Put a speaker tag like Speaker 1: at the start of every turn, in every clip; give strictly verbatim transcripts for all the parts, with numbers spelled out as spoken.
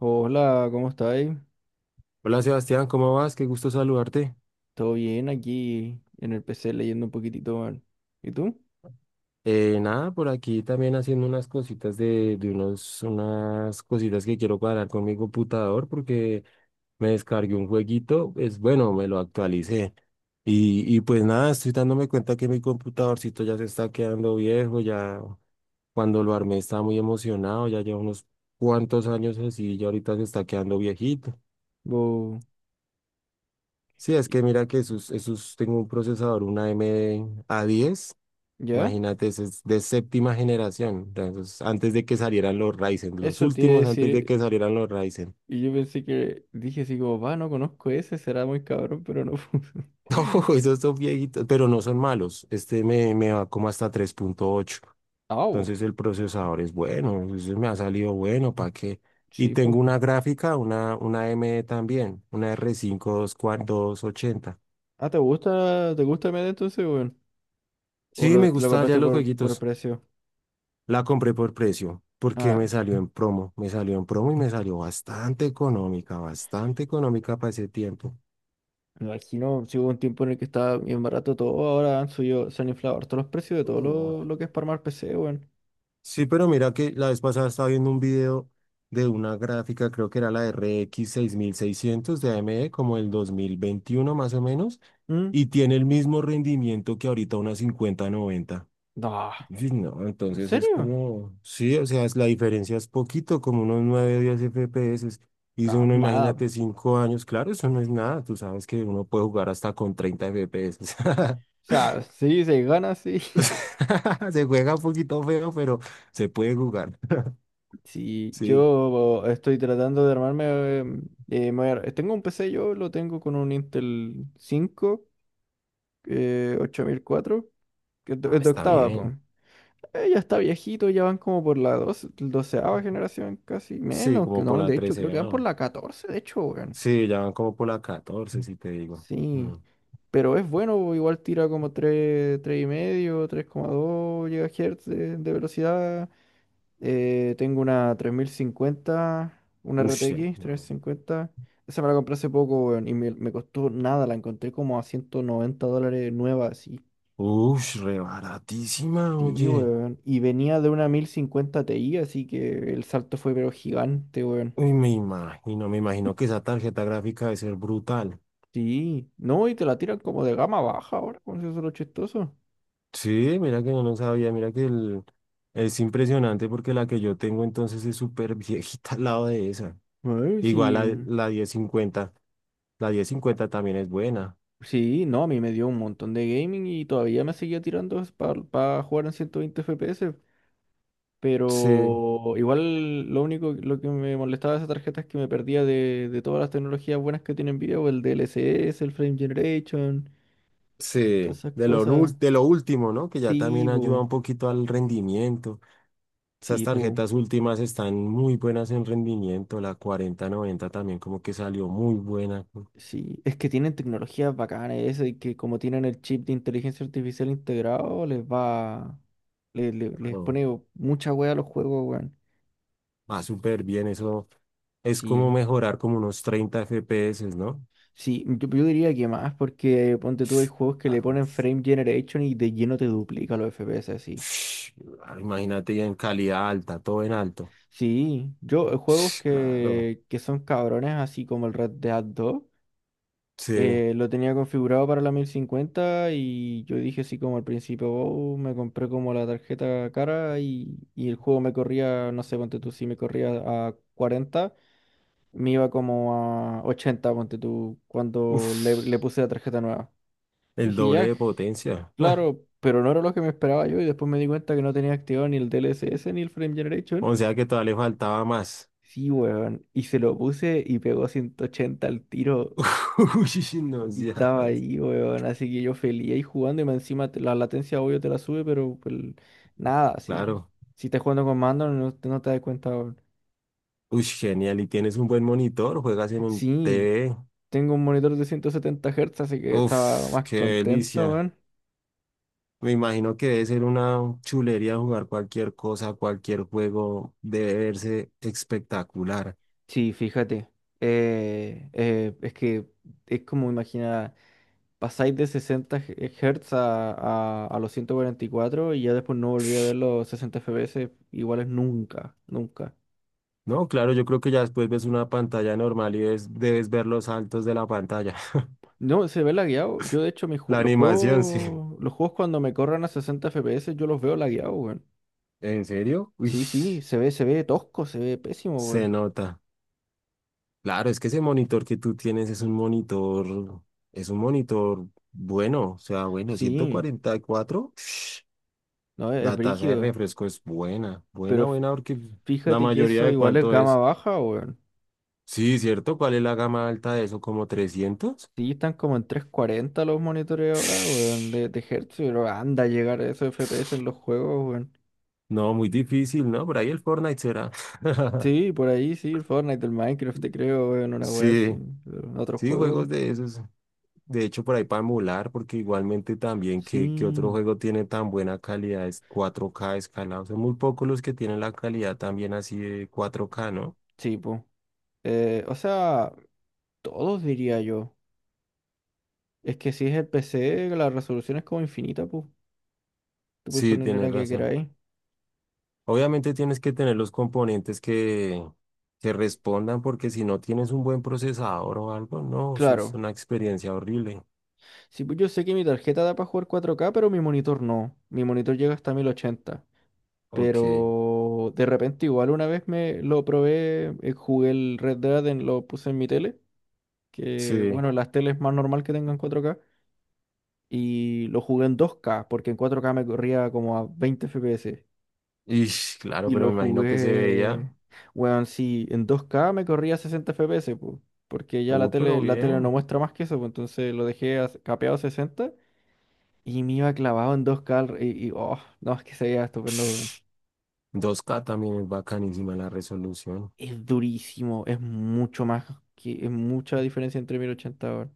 Speaker 1: Hola, ¿cómo estáis?
Speaker 2: Hola Sebastián, ¿cómo vas? Qué gusto saludarte.
Speaker 1: ¿Todo bien aquí en el P C leyendo un poquitito, man? ¿Y tú?
Speaker 2: Eh, nada, por aquí también haciendo unas cositas de, de unos, unas cositas que quiero cuadrar con mi computador porque me descargué un jueguito, es bueno, me lo actualicé. Y, y pues nada, estoy dándome cuenta que mi computadorcito ya se está quedando viejo, ya cuando lo armé estaba muy emocionado, ya lleva unos cuantos años así y ahorita se está quedando viejito.
Speaker 1: Bo-
Speaker 2: Sí, es que mira que esos, esos, tengo un procesador, una A M D a diez.
Speaker 1: ¿Ya?
Speaker 2: Imagínate, eso es de séptima generación. Entonces, antes de que salieran los Ryzen, los
Speaker 1: Eso te iba a
Speaker 2: últimos antes de
Speaker 1: decir.
Speaker 2: que salieran los Ryzen.
Speaker 1: Y yo pensé que dije así como, va, no conozco ese, será muy cabrón, pero no fue.
Speaker 2: No, esos son viejitos, pero no son malos. Este me, me va como hasta tres punto ocho.
Speaker 1: Ah, bo,
Speaker 2: Entonces, el procesador es bueno, ese me ha salido bueno, ¿para qué? Y
Speaker 1: sí, pues.
Speaker 2: tengo una gráfica, una, una A M D también, una r cinco dos ochenta.
Speaker 1: Ah, ¿te gusta, te gusta el medio entonces, weón? ¿O
Speaker 2: Sí, me
Speaker 1: lo, lo
Speaker 2: gusta ya
Speaker 1: compraste
Speaker 2: los
Speaker 1: por, por
Speaker 2: jueguitos.
Speaker 1: precio?
Speaker 2: La compré por precio, porque
Speaker 1: Ah,
Speaker 2: me salió en promo, me salió en promo y me salió bastante económica, bastante económica para ese tiempo.
Speaker 1: me imagino, si hubo un tiempo en el que estaba bien barato todo, ahora han subido, se han inflado todos los precios de todo
Speaker 2: No.
Speaker 1: lo, lo que es para armar P C, weón.
Speaker 2: Sí, pero mira que la vez pasada estaba viendo un video de una gráfica, creo que era la R X seis mil seiscientos de A M D, como el dos mil veintiuno más o menos,
Speaker 1: ¿Mm?
Speaker 2: y tiene el mismo rendimiento que ahorita una cincuenta noventa.
Speaker 1: No,
Speaker 2: Sí, no,
Speaker 1: ¿en
Speaker 2: entonces es
Speaker 1: serio?
Speaker 2: como, sí, o sea, es- la diferencia es poquito, como unos nueve o diez F P S. Y si
Speaker 1: No,
Speaker 2: uno,
Speaker 1: nada. O
Speaker 2: imagínate, cinco años, claro, eso no es nada. Tú sabes que uno puede jugar hasta con treinta F P S.
Speaker 1: sea, sí, se gana, sí.
Speaker 2: Se juega un poquito feo, pero se puede jugar.
Speaker 1: sí,
Speaker 2: Sí.
Speaker 1: yo estoy tratando de armarme, eh, eh, me voy a- tengo un P C yo, lo tengo con un Intel cinco, eh, ocho mil cuatro, que es de,
Speaker 2: Ah,
Speaker 1: es de
Speaker 2: está
Speaker 1: octava, pues.
Speaker 2: bien.
Speaker 1: Ya está viejito, ya van como por la doce, doceava generación, casi
Speaker 2: Sí,
Speaker 1: menos, que
Speaker 2: como por
Speaker 1: no,
Speaker 2: la
Speaker 1: de hecho, creo
Speaker 2: trece.
Speaker 1: que van por la catorce de hecho, weón.
Speaker 2: Sí, ya van como por la catorce si te digo. Mm.
Speaker 1: Sí, pero es bueno, igual tira como tres, tres y medio, tres coma dos GHz de de velocidad. Eh, tengo una tres mil cincuenta, una
Speaker 2: Ush, em,
Speaker 1: R T X
Speaker 2: no.
Speaker 1: cincuenta. Esa me la compré hace poco, weón, y me, me costó nada. La encontré como a ciento noventa dólares nueva, así.
Speaker 2: Ush, re baratísima,
Speaker 1: Sí,
Speaker 2: oye.
Speaker 1: weón. Y venía de una mil cincuenta Ti, así que el salto fue pero gigante, weón.
Speaker 2: Uy, me imagino, me imagino que esa tarjeta gráfica debe ser brutal.
Speaker 1: Sí. No, y te la tiran como de gama baja ahora, con eso es lo chistoso.
Speaker 2: Sí, mira que yo no lo sabía, mira que el, es impresionante porque la que yo tengo entonces es súper viejita al lado de esa.
Speaker 1: Ay,
Speaker 2: Igual
Speaker 1: sí.
Speaker 2: la, la diez cincuenta la diez cincuenta también es buena.
Speaker 1: Sí, no, a mí me dio un montón de gaming y todavía me seguía tirando para jugar en ciento veinte F P S.
Speaker 2: Sí,
Speaker 1: Pero igual lo único lo que me molestaba de esa tarjeta es que me perdía de, de todas las tecnologías buenas que tiene Nvidia, o el D L S S, el Frame Generation, todas
Speaker 2: sí,
Speaker 1: esas
Speaker 2: de lo, nu-
Speaker 1: cosas.
Speaker 2: de lo último, ¿no? Que ya
Speaker 1: Sí,
Speaker 2: también ayuda
Speaker 1: po,
Speaker 2: un poquito al rendimiento. Esas
Speaker 1: sí, po,
Speaker 2: tarjetas últimas están muy buenas en rendimiento. La cuarenta noventa también como que salió muy buena.
Speaker 1: sí. Es que tienen tecnologías bacanas esas, y que como tienen el chip de inteligencia artificial integrado, les va, le- le- les,
Speaker 2: Claro,
Speaker 1: pone mucha wea a los juegos, weón.
Speaker 2: va súper bien eso. Es como
Speaker 1: Sí.
Speaker 2: mejorar como unos treinta F P S, ¿no?
Speaker 1: Sí, yo, yo diría que más, porque ponte tú, hay juegos que le
Speaker 2: Claro.
Speaker 1: ponen frame generation y de lleno te duplica los F P S así.
Speaker 2: Claro, imagínate ya en calidad alta, todo en alto.
Speaker 1: Sí, yo, eh, juegos
Speaker 2: Claro,
Speaker 1: que, que son cabrones, así como el Red Dead dos,
Speaker 2: sí.
Speaker 1: eh, lo tenía configurado para la mil cincuenta y yo dije así como al principio, "Oh, me compré como la tarjeta cara y, y el juego me corría, no sé, ponte tú, si me corría a cuarenta, me iba como a ochenta, ponte tú, cuando le, le
Speaker 2: Uf,
Speaker 1: puse la tarjeta nueva". Y
Speaker 2: el
Speaker 1: dije,
Speaker 2: doble
Speaker 1: ya,
Speaker 2: de potencia. Ah,
Speaker 1: claro, pero no era lo que me esperaba yo, y después me di cuenta que no tenía activado ni el D L S S ni el Frame Generation.
Speaker 2: o sea que todavía le faltaba más.
Speaker 1: Sí, weón. Y se lo puse y pegó ciento ochenta al tiro,
Speaker 2: Uy, no
Speaker 1: y estaba
Speaker 2: seas.
Speaker 1: ahí, weón. Así que yo feliz ahí jugando, y más encima te- la latencia obvio te la sube, pero pues, nada, sí.
Speaker 2: Claro.
Speaker 1: Si estás jugando con mando, no, te no te das cuenta, weón.
Speaker 2: Uy, genial. Y tienes un buen monitor, juegas en un
Speaker 1: Sí,
Speaker 2: T V.
Speaker 1: tengo un monitor de ciento setenta Hz, así que estaba
Speaker 2: Uf,
Speaker 1: más
Speaker 2: qué
Speaker 1: contento,
Speaker 2: delicia.
Speaker 1: weón.
Speaker 2: Me imagino que debe ser una chulería jugar cualquier cosa, cualquier juego. Debe verse espectacular.
Speaker 1: Sí, fíjate. Eh, eh, es que es como imaginar. Pasáis de sesenta Hz a, a, a los ciento cuarenta y cuatro, y cuatro, y ya después no volví a ver los sesenta F P S iguales nunca, nunca.
Speaker 2: No, claro, yo creo que ya después ves una pantalla normal y ves- debes ver los saltos de la pantalla.
Speaker 1: No, se ve lagueado. Yo, de hecho, mis ju-
Speaker 2: La
Speaker 1: los
Speaker 2: animación, sí.
Speaker 1: juegos, los juegos cuando me corran a sesenta F P S yo los veo lagueados, weón.
Speaker 2: ¿En serio? Uy,
Speaker 1: Sí, sí, se ve, se ve tosco, se ve pésimo,
Speaker 2: se
Speaker 1: weón.
Speaker 2: nota. Claro, es que ese monitor que tú tienes es un monitor, es un monitor bueno, o sea, bueno,
Speaker 1: Sí,
Speaker 2: ciento cuarenta y cuatro. Ush,
Speaker 1: no, es, es
Speaker 2: la tasa de
Speaker 1: brígido.
Speaker 2: refresco es buena,
Speaker 1: Pero
Speaker 2: buena,
Speaker 1: f-
Speaker 2: buena, porque la
Speaker 1: fíjate que
Speaker 2: mayoría
Speaker 1: eso
Speaker 2: de
Speaker 1: igual es
Speaker 2: cuánto
Speaker 1: gama
Speaker 2: es.
Speaker 1: baja, weón.
Speaker 2: Sí, ¿cierto? ¿Cuál es la gama alta de eso? ¿Como trescientos?
Speaker 1: Sí, están como en trescientos cuarenta los monitores ahora, weón, de,
Speaker 2: Ush,
Speaker 1: de Hz, pero anda a llegar a esos F P S en los juegos, weón.
Speaker 2: no, muy difícil, ¿no? Por ahí el Fortnite será.
Speaker 1: Sí, por ahí sí, el Fortnite, el Minecraft, te creo, weón, una wea así,
Speaker 2: Sí,
Speaker 1: pero en otro
Speaker 2: sí,
Speaker 1: juego.
Speaker 2: juegos de esos. De hecho, por ahí para emular, porque igualmente también que, que
Speaker 1: Sí,
Speaker 2: otro juego tiene tan buena calidad, es cuatro k escalado. Son muy pocos los que tienen la calidad también así de cuatro k, ¿no?
Speaker 1: sí, pues. Eh, o sea, todos diría yo. Es que si es el P C, la resolución es como infinita, pues. Tú puedes
Speaker 2: Sí,
Speaker 1: poner
Speaker 2: tienes
Speaker 1: la que
Speaker 2: razón.
Speaker 1: queráis.
Speaker 2: Obviamente tienes que tener los componentes que, que respondan, porque si no tienes un buen procesador o algo, no, eso es
Speaker 1: Claro.
Speaker 2: una experiencia horrible.
Speaker 1: Sí, pues yo sé que mi tarjeta da para jugar cuatro k, pero mi monitor no. Mi monitor llega hasta mil ochenta.
Speaker 2: Ok,
Speaker 1: Pero de repente igual una vez me lo probé, eh, jugué el Red Dead, en- lo puse en mi tele, que
Speaker 2: sí.
Speaker 1: bueno, las teles más normal que tengan cuatro k. Y lo jugué en dos k, porque en cuatro k me corría como a veinte F P S.
Speaker 2: Y claro,
Speaker 1: Y
Speaker 2: pero
Speaker 1: lo
Speaker 2: me imagino que se
Speaker 1: jugué,
Speaker 2: veía.
Speaker 1: weón, sí, en dos k me corría a sesenta F P S, po, porque ya la
Speaker 2: Uy, pero
Speaker 1: tele, la tele no
Speaker 2: bien.
Speaker 1: muestra más que eso, pues. Entonces lo dejé a- capeado a sesenta y me iba clavado en dos k, al- y, y, oh, no, es que se veía estupendo, weón.
Speaker 2: dos k también es bacanísima la resolución.
Speaker 1: Es durísimo, es mucho más, que, es mucha diferencia entre mil ochenta, weón.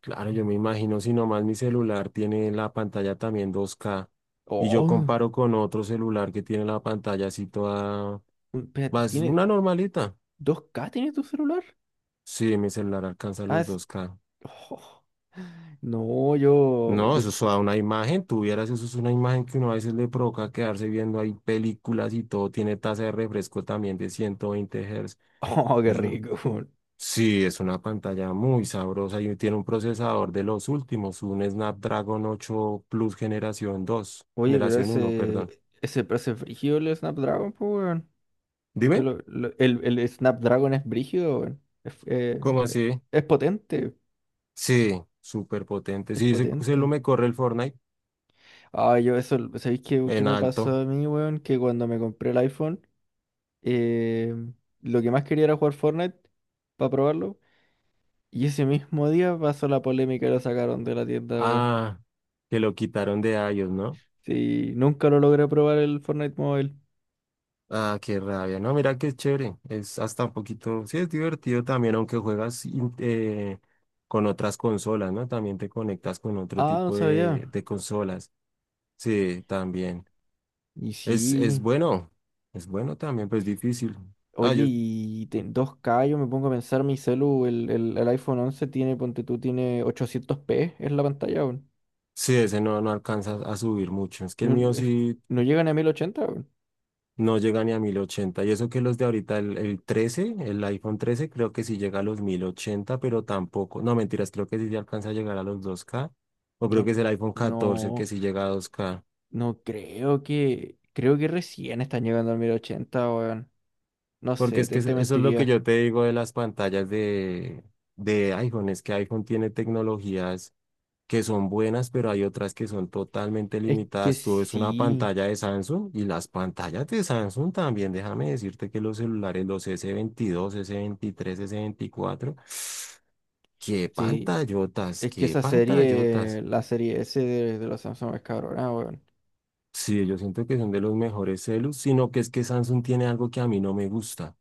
Speaker 2: Claro, yo me imagino si nomás mi celular tiene la pantalla también dos k y
Speaker 1: Oh,
Speaker 2: yo
Speaker 1: un-
Speaker 2: comparo con otro celular que tiene la pantalla así toda...
Speaker 1: espérate,
Speaker 2: Más
Speaker 1: ¿tiene
Speaker 2: una normalita.
Speaker 1: dos k tiene tu celular?
Speaker 2: Sí, mi celular alcanza
Speaker 1: Ah,
Speaker 2: los
Speaker 1: es-
Speaker 2: dos k.
Speaker 1: oh, no, yo.
Speaker 2: No, eso
Speaker 1: mi-
Speaker 2: es toda una imagen. Tuvieras, eso es una imagen que uno a veces le provoca quedarse viendo ahí películas y todo. Tiene tasa de refresco también de ciento veinte Hz.
Speaker 1: Oh, qué rico, weón.
Speaker 2: Sí, es una pantalla muy sabrosa y tiene un procesador de los últimos, un Snapdragon ocho Plus generación dos,
Speaker 1: Oye, pero
Speaker 2: generación uno, perdón.
Speaker 1: ese. Ese, ese frígido el Snapdragon, pues, weón. Yo,
Speaker 2: Dime,
Speaker 1: lo, lo- el, el Snapdragon es brígido, weón. Es, eh,
Speaker 2: ¿cómo así?
Speaker 1: es potente,
Speaker 2: Sí, súper potente.
Speaker 1: es
Speaker 2: Sí, se, se lo
Speaker 1: potente.
Speaker 2: me corre el Fortnite
Speaker 1: Ah, yo eso, ¿sabéis qué, qué
Speaker 2: en
Speaker 1: me pasó
Speaker 2: alto.
Speaker 1: a mí, weón? Que cuando me compré el iPhone, eh, lo que más quería era jugar Fortnite para probarlo. Y ese mismo día pasó la polémica y lo sacaron de la tienda, weón.
Speaker 2: Ah, que lo quitaron de iOS, ¿no?
Speaker 1: Sí, nunca lo logré probar el Fortnite Mobile.
Speaker 2: Ah, qué rabia. No, mira qué chévere. Es hasta un poquito, sí, es divertido también, aunque juegas in- eh, con otras consolas, ¿no? También te conectas con otro
Speaker 1: Ah, no
Speaker 2: tipo
Speaker 1: sabía.
Speaker 2: de, de consolas. Sí, también.
Speaker 1: Y
Speaker 2: Es, es
Speaker 1: sí.
Speaker 2: bueno, es bueno también, pero es difícil. Ah,
Speaker 1: Oye,
Speaker 2: yo
Speaker 1: y te- dos k, yo me pongo a pensar, mi celu, el, el, el iPhone once tiene, ponte tú, tiene ochocientos p es la pantalla, weón.
Speaker 2: sí, ese no, no alcanza a subir mucho. Es que el
Speaker 1: Mm,
Speaker 2: mío
Speaker 1: es-
Speaker 2: sí
Speaker 1: No llegan a mil ochenta, weón.
Speaker 2: no llega ni a mil ochenta. Y eso que los de ahorita, el, el trece el iPhone trece creo que sí llega a los mil ochenta pero tampoco. No, mentiras, creo que sí ya alcanza a llegar a los dos k. O creo
Speaker 1: No,
Speaker 2: que es el iPhone catorce el
Speaker 1: no,
Speaker 2: que sí llega a dos k.
Speaker 1: no, creo que, creo que recién están llegando a mil ochenta, weón. No
Speaker 2: Porque
Speaker 1: sé,
Speaker 2: es que
Speaker 1: te,
Speaker 2: es-
Speaker 1: te
Speaker 2: eso es lo que
Speaker 1: mentiría.
Speaker 2: yo te digo de las pantallas de, de iPhone, es que iPhone tiene tecnologías que son buenas, pero hay otras que son totalmente
Speaker 1: Es que
Speaker 2: limitadas. Tú ves una
Speaker 1: sí,
Speaker 2: pantalla de Samsung y las pantallas de Samsung también, déjame decirte que los celulares, los s veintidós, s veintitrés, s veinticuatro, qué
Speaker 1: sí.
Speaker 2: pantallotas,
Speaker 1: Es que
Speaker 2: qué
Speaker 1: esa serie,
Speaker 2: pantallotas.
Speaker 1: la serie S de, de los Samsung es cabrona, weón.
Speaker 2: Sí, yo siento que son de los mejores celus, sino que es que Samsung tiene algo que a mí no me gusta.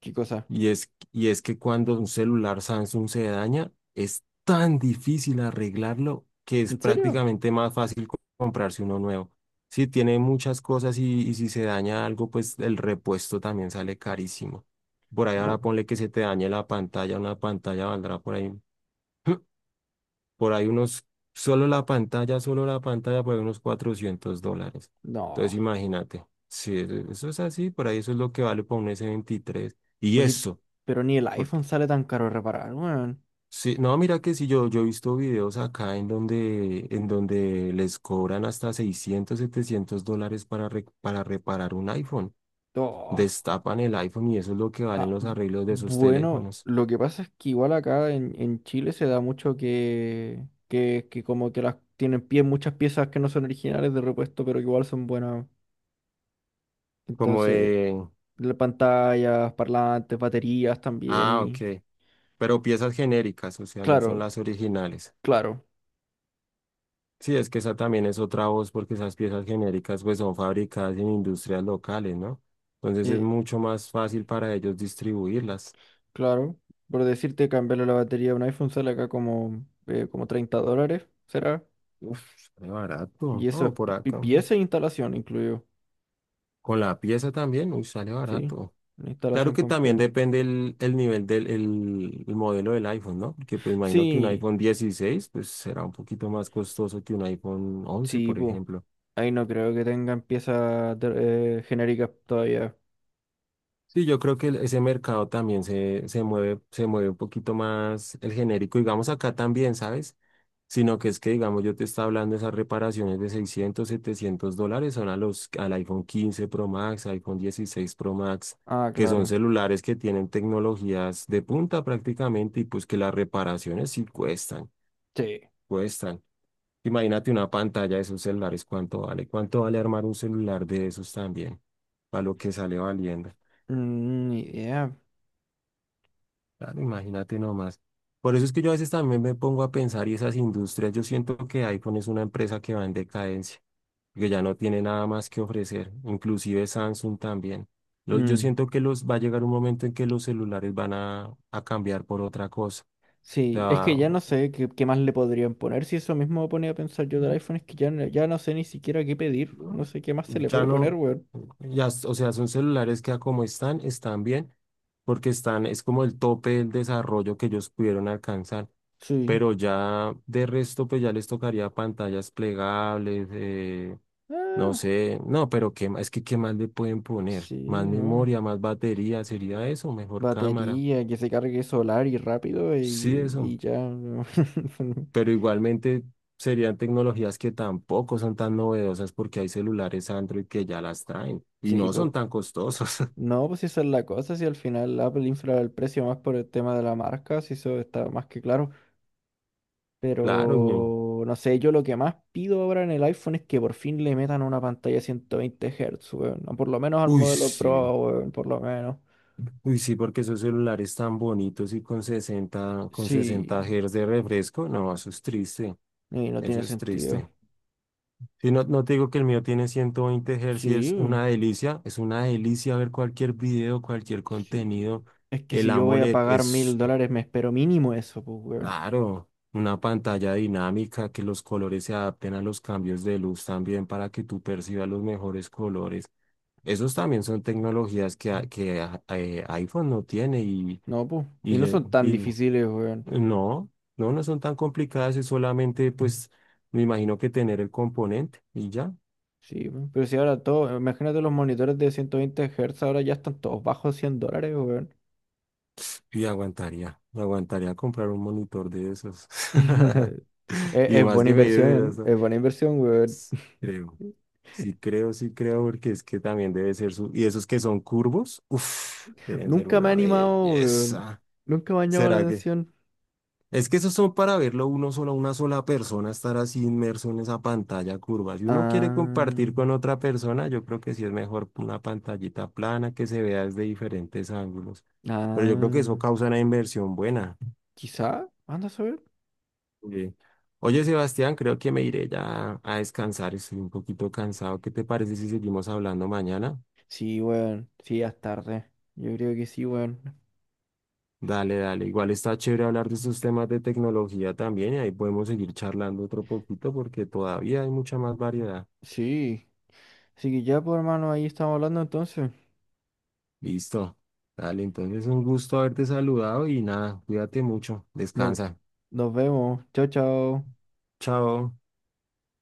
Speaker 1: ¿Qué cosa?
Speaker 2: Y es, y es que cuando un celular Samsung se daña, es tan difícil arreglarlo que es
Speaker 1: ¿En serio?
Speaker 2: prácticamente más fácil co- comprarse uno nuevo. Sí, tiene muchas cosas y, y si se daña algo, pues el repuesto también sale carísimo. Por ahí
Speaker 1: ¿O no?
Speaker 2: ahora ponle que se te dañe la pantalla, una pantalla valdrá por ahí, por ahí unos, solo la pantalla, solo la pantalla, por ahí unos cuatrocientos dólares.
Speaker 1: No.
Speaker 2: Entonces imagínate, si eso eso es así, por ahí eso es lo que vale por un s veintitrés. Y
Speaker 1: Oye,
Speaker 2: eso.
Speaker 1: pero ni el iPhone sale tan caro de reparar, weón.
Speaker 2: Sí, no, mira que sí, yo, yo he visto videos acá en donde, en donde les cobran hasta seiscientos setecientos dólares para, re- para reparar un iPhone.
Speaker 1: Oh.
Speaker 2: Destapan el iPhone y eso es lo que valen
Speaker 1: Ah,
Speaker 2: los arreglos de esos
Speaker 1: bueno,
Speaker 2: teléfonos.
Speaker 1: lo que pasa es que igual acá en, en Chile se da mucho que, que, que como que las tienen pie, muchas piezas que no son originales de repuesto, pero que igual son buenas.
Speaker 2: Como
Speaker 1: Entonces,
Speaker 2: de...
Speaker 1: las pantallas, parlantes, baterías también
Speaker 2: Ah,
Speaker 1: y...
Speaker 2: ok. Pero piezas genéricas, o sea, no son
Speaker 1: Claro,
Speaker 2: las originales.
Speaker 1: claro,
Speaker 2: Sí, es que esa también es otra voz porque esas piezas genéricas pues son fabricadas en industrias locales, ¿no? Entonces es
Speaker 1: eh,
Speaker 2: mucho más fácil para ellos distribuirlas.
Speaker 1: claro. Por decirte, cambiarle la batería a un iPhone sale acá como, eh, como treinta dólares, ¿será?
Speaker 2: Uf, sale barato,
Speaker 1: Y eso es
Speaker 2: ¿no? Por
Speaker 1: pi- pi-
Speaker 2: acá.
Speaker 1: pieza e instalación incluido.
Speaker 2: Con la pieza también, uy, sale
Speaker 1: Sí,
Speaker 2: barato.
Speaker 1: una
Speaker 2: Claro
Speaker 1: instalación
Speaker 2: que también
Speaker 1: completa.
Speaker 2: depende el, el nivel del el, el modelo del iPhone, ¿no? Porque pues imagino que un
Speaker 1: Sí,
Speaker 2: iPhone dieciséis pues será un poquito más costoso que un iPhone once,
Speaker 1: sí,
Speaker 2: por
Speaker 1: pues.
Speaker 2: ejemplo.
Speaker 1: Ahí no creo que tengan piezas de- eh, genéricas todavía.
Speaker 2: Sí, yo creo que el- ese mercado también se, se mueve, se mueve un poquito más el genérico, digamos acá también, ¿sabes? Sino que es que, digamos, yo te estaba hablando de esas reparaciones de seiscientos setecientos dólares, son a los, al iPhone quince Pro Max, iPhone dieciséis Pro Max,
Speaker 1: Ah,
Speaker 2: que son
Speaker 1: claro.
Speaker 2: celulares que tienen tecnologías de punta prácticamente y pues que las reparaciones sí cuestan,
Speaker 1: Sí.
Speaker 2: cuestan. Imagínate una pantalla de esos celulares, ¿cuánto vale? ¿Cuánto vale armar un celular de esos también? Para lo que sale valiendo.
Speaker 1: Mm, ni idea.
Speaker 2: Claro, imagínate nomás. Por eso es que yo a veces también me pongo a pensar y esas industrias, yo siento que iPhone es una empresa que va en decadencia, que ya no tiene nada más que ofrecer, inclusive Samsung también. Los- yo
Speaker 1: Mm,
Speaker 2: siento que los va a llegar un momento en que los celulares van a, a cambiar por otra cosa. O
Speaker 1: sí, es
Speaker 2: sea,
Speaker 1: que ya no sé qué, qué más le podrían poner. Si eso mismo me ponía a pensar yo del iPhone, es que ya, no- ya no sé ni siquiera qué pedir. No
Speaker 2: no,
Speaker 1: sé qué más se le
Speaker 2: ya
Speaker 1: puede
Speaker 2: no,
Speaker 1: poner, weón.
Speaker 2: ya, s- o sea, son celulares que a como están, están bien, porque están, es como el tope del desarrollo que ellos pudieron alcanzar.
Speaker 1: Sí.
Speaker 2: Pero ya de resto, pues ya les tocaría pantallas plegables, eh, no
Speaker 1: Ah,
Speaker 2: sé, no, pero qué, ma- es que qué más le pueden poner,
Speaker 1: sí,
Speaker 2: más
Speaker 1: no.
Speaker 2: memoria, más batería, sería eso, mejor cámara,
Speaker 1: Batería, que se cargue solar y rápido
Speaker 2: sí,
Speaker 1: y, y
Speaker 2: eso,
Speaker 1: ya.
Speaker 2: pero igualmente serían tecnologías que tampoco son tan novedosas porque hay celulares Android que ya las traen y
Speaker 1: Sí,
Speaker 2: no
Speaker 1: pues.
Speaker 2: son tan costosos.
Speaker 1: No, pues si esa es la cosa, si al final Apple infla el precio más por el tema de la marca, si eso está más que claro.
Speaker 2: Claro, weón.
Speaker 1: Pero no sé, yo lo que más pido ahora en el iPhone es que por fin le metan una pantalla ciento veinte Hz, weón. O por lo menos al
Speaker 2: Uy,
Speaker 1: modelo
Speaker 2: sí.
Speaker 1: Pro, weón, por lo menos.
Speaker 2: Uy, sí, porque esos celulares tan bonitos y con sesenta con sesenta
Speaker 1: Sí,
Speaker 2: Hz de refresco, no, eso es triste.
Speaker 1: y no
Speaker 2: Eso
Speaker 1: tiene
Speaker 2: es
Speaker 1: sentido.
Speaker 2: triste. Si no, no te digo que el mío tiene ciento veinte Hz y es
Speaker 1: Sí,
Speaker 2: una delicia, es una delicia ver cualquier video, cualquier
Speaker 1: sí.
Speaker 2: contenido.
Speaker 1: Es que
Speaker 2: El
Speaker 1: si yo voy a
Speaker 2: AMOLED
Speaker 1: pagar mil
Speaker 2: es,
Speaker 1: dólares, me espero mínimo eso, pues, weón.
Speaker 2: claro, una pantalla dinámica, que los colores se adapten a los cambios de luz también para que tú percibas los mejores colores. Esos también son tecnologías que, a- que a- eh, iPhone no tiene y,
Speaker 1: No, pues. Y
Speaker 2: y,
Speaker 1: no
Speaker 2: le-
Speaker 1: son tan
Speaker 2: y
Speaker 1: difíciles, weón.
Speaker 2: no, no, no son tan complicadas, es solamente pues me imagino que tener el componente y ya.
Speaker 1: Sí, weón, pero si ahora todo, imagínate los monitores de ciento veinte Hz, ahora ya están todos bajo cien dólares, weón.
Speaker 2: Y aguantaría, aguantaría comprar un monitor de esos.
Speaker 1: Es,
Speaker 2: Y
Speaker 1: es
Speaker 2: más
Speaker 1: buena
Speaker 2: que me dice
Speaker 1: inversión,
Speaker 2: eso,
Speaker 1: es buena inversión, weón.
Speaker 2: S- creo. Sí creo, sí creo, porque es que también debe ser su... Y esos que son curvos, uff, deben ser
Speaker 1: Nunca me ha
Speaker 2: una
Speaker 1: animado, weón.
Speaker 2: belleza.
Speaker 1: Nunca me ha llamado la
Speaker 2: ¿Será que?
Speaker 1: atención.
Speaker 2: Es que esos son para verlo uno solo, una sola persona estar así inmerso en esa pantalla curva. Si uno quiere
Speaker 1: Ah,
Speaker 2: compartir con otra persona, yo creo que sí es mejor una pantallita plana que se vea desde diferentes ángulos. Pero yo creo que eso
Speaker 1: ah,
Speaker 2: causa una inversión buena.
Speaker 1: quizá, anda a saber.
Speaker 2: Sí. Oye, Sebastián, creo que me iré ya a descansar. Estoy un poquito cansado. ¿Qué te parece si seguimos hablando mañana?
Speaker 1: Sí, weón, sí, ya es tarde. Yo creo que sí, weón.
Speaker 2: Dale, dale. Igual está chévere hablar de estos temas de tecnología también y ahí podemos seguir charlando otro poquito porque todavía hay mucha más variedad.
Speaker 1: Sí, así que ya, pues hermano, ahí estamos hablando entonces.
Speaker 2: Listo. Dale, entonces un gusto haberte saludado y nada, cuídate mucho.
Speaker 1: Nos,
Speaker 2: Descansa.
Speaker 1: nos vemos. Chao, chao.
Speaker 2: Chao.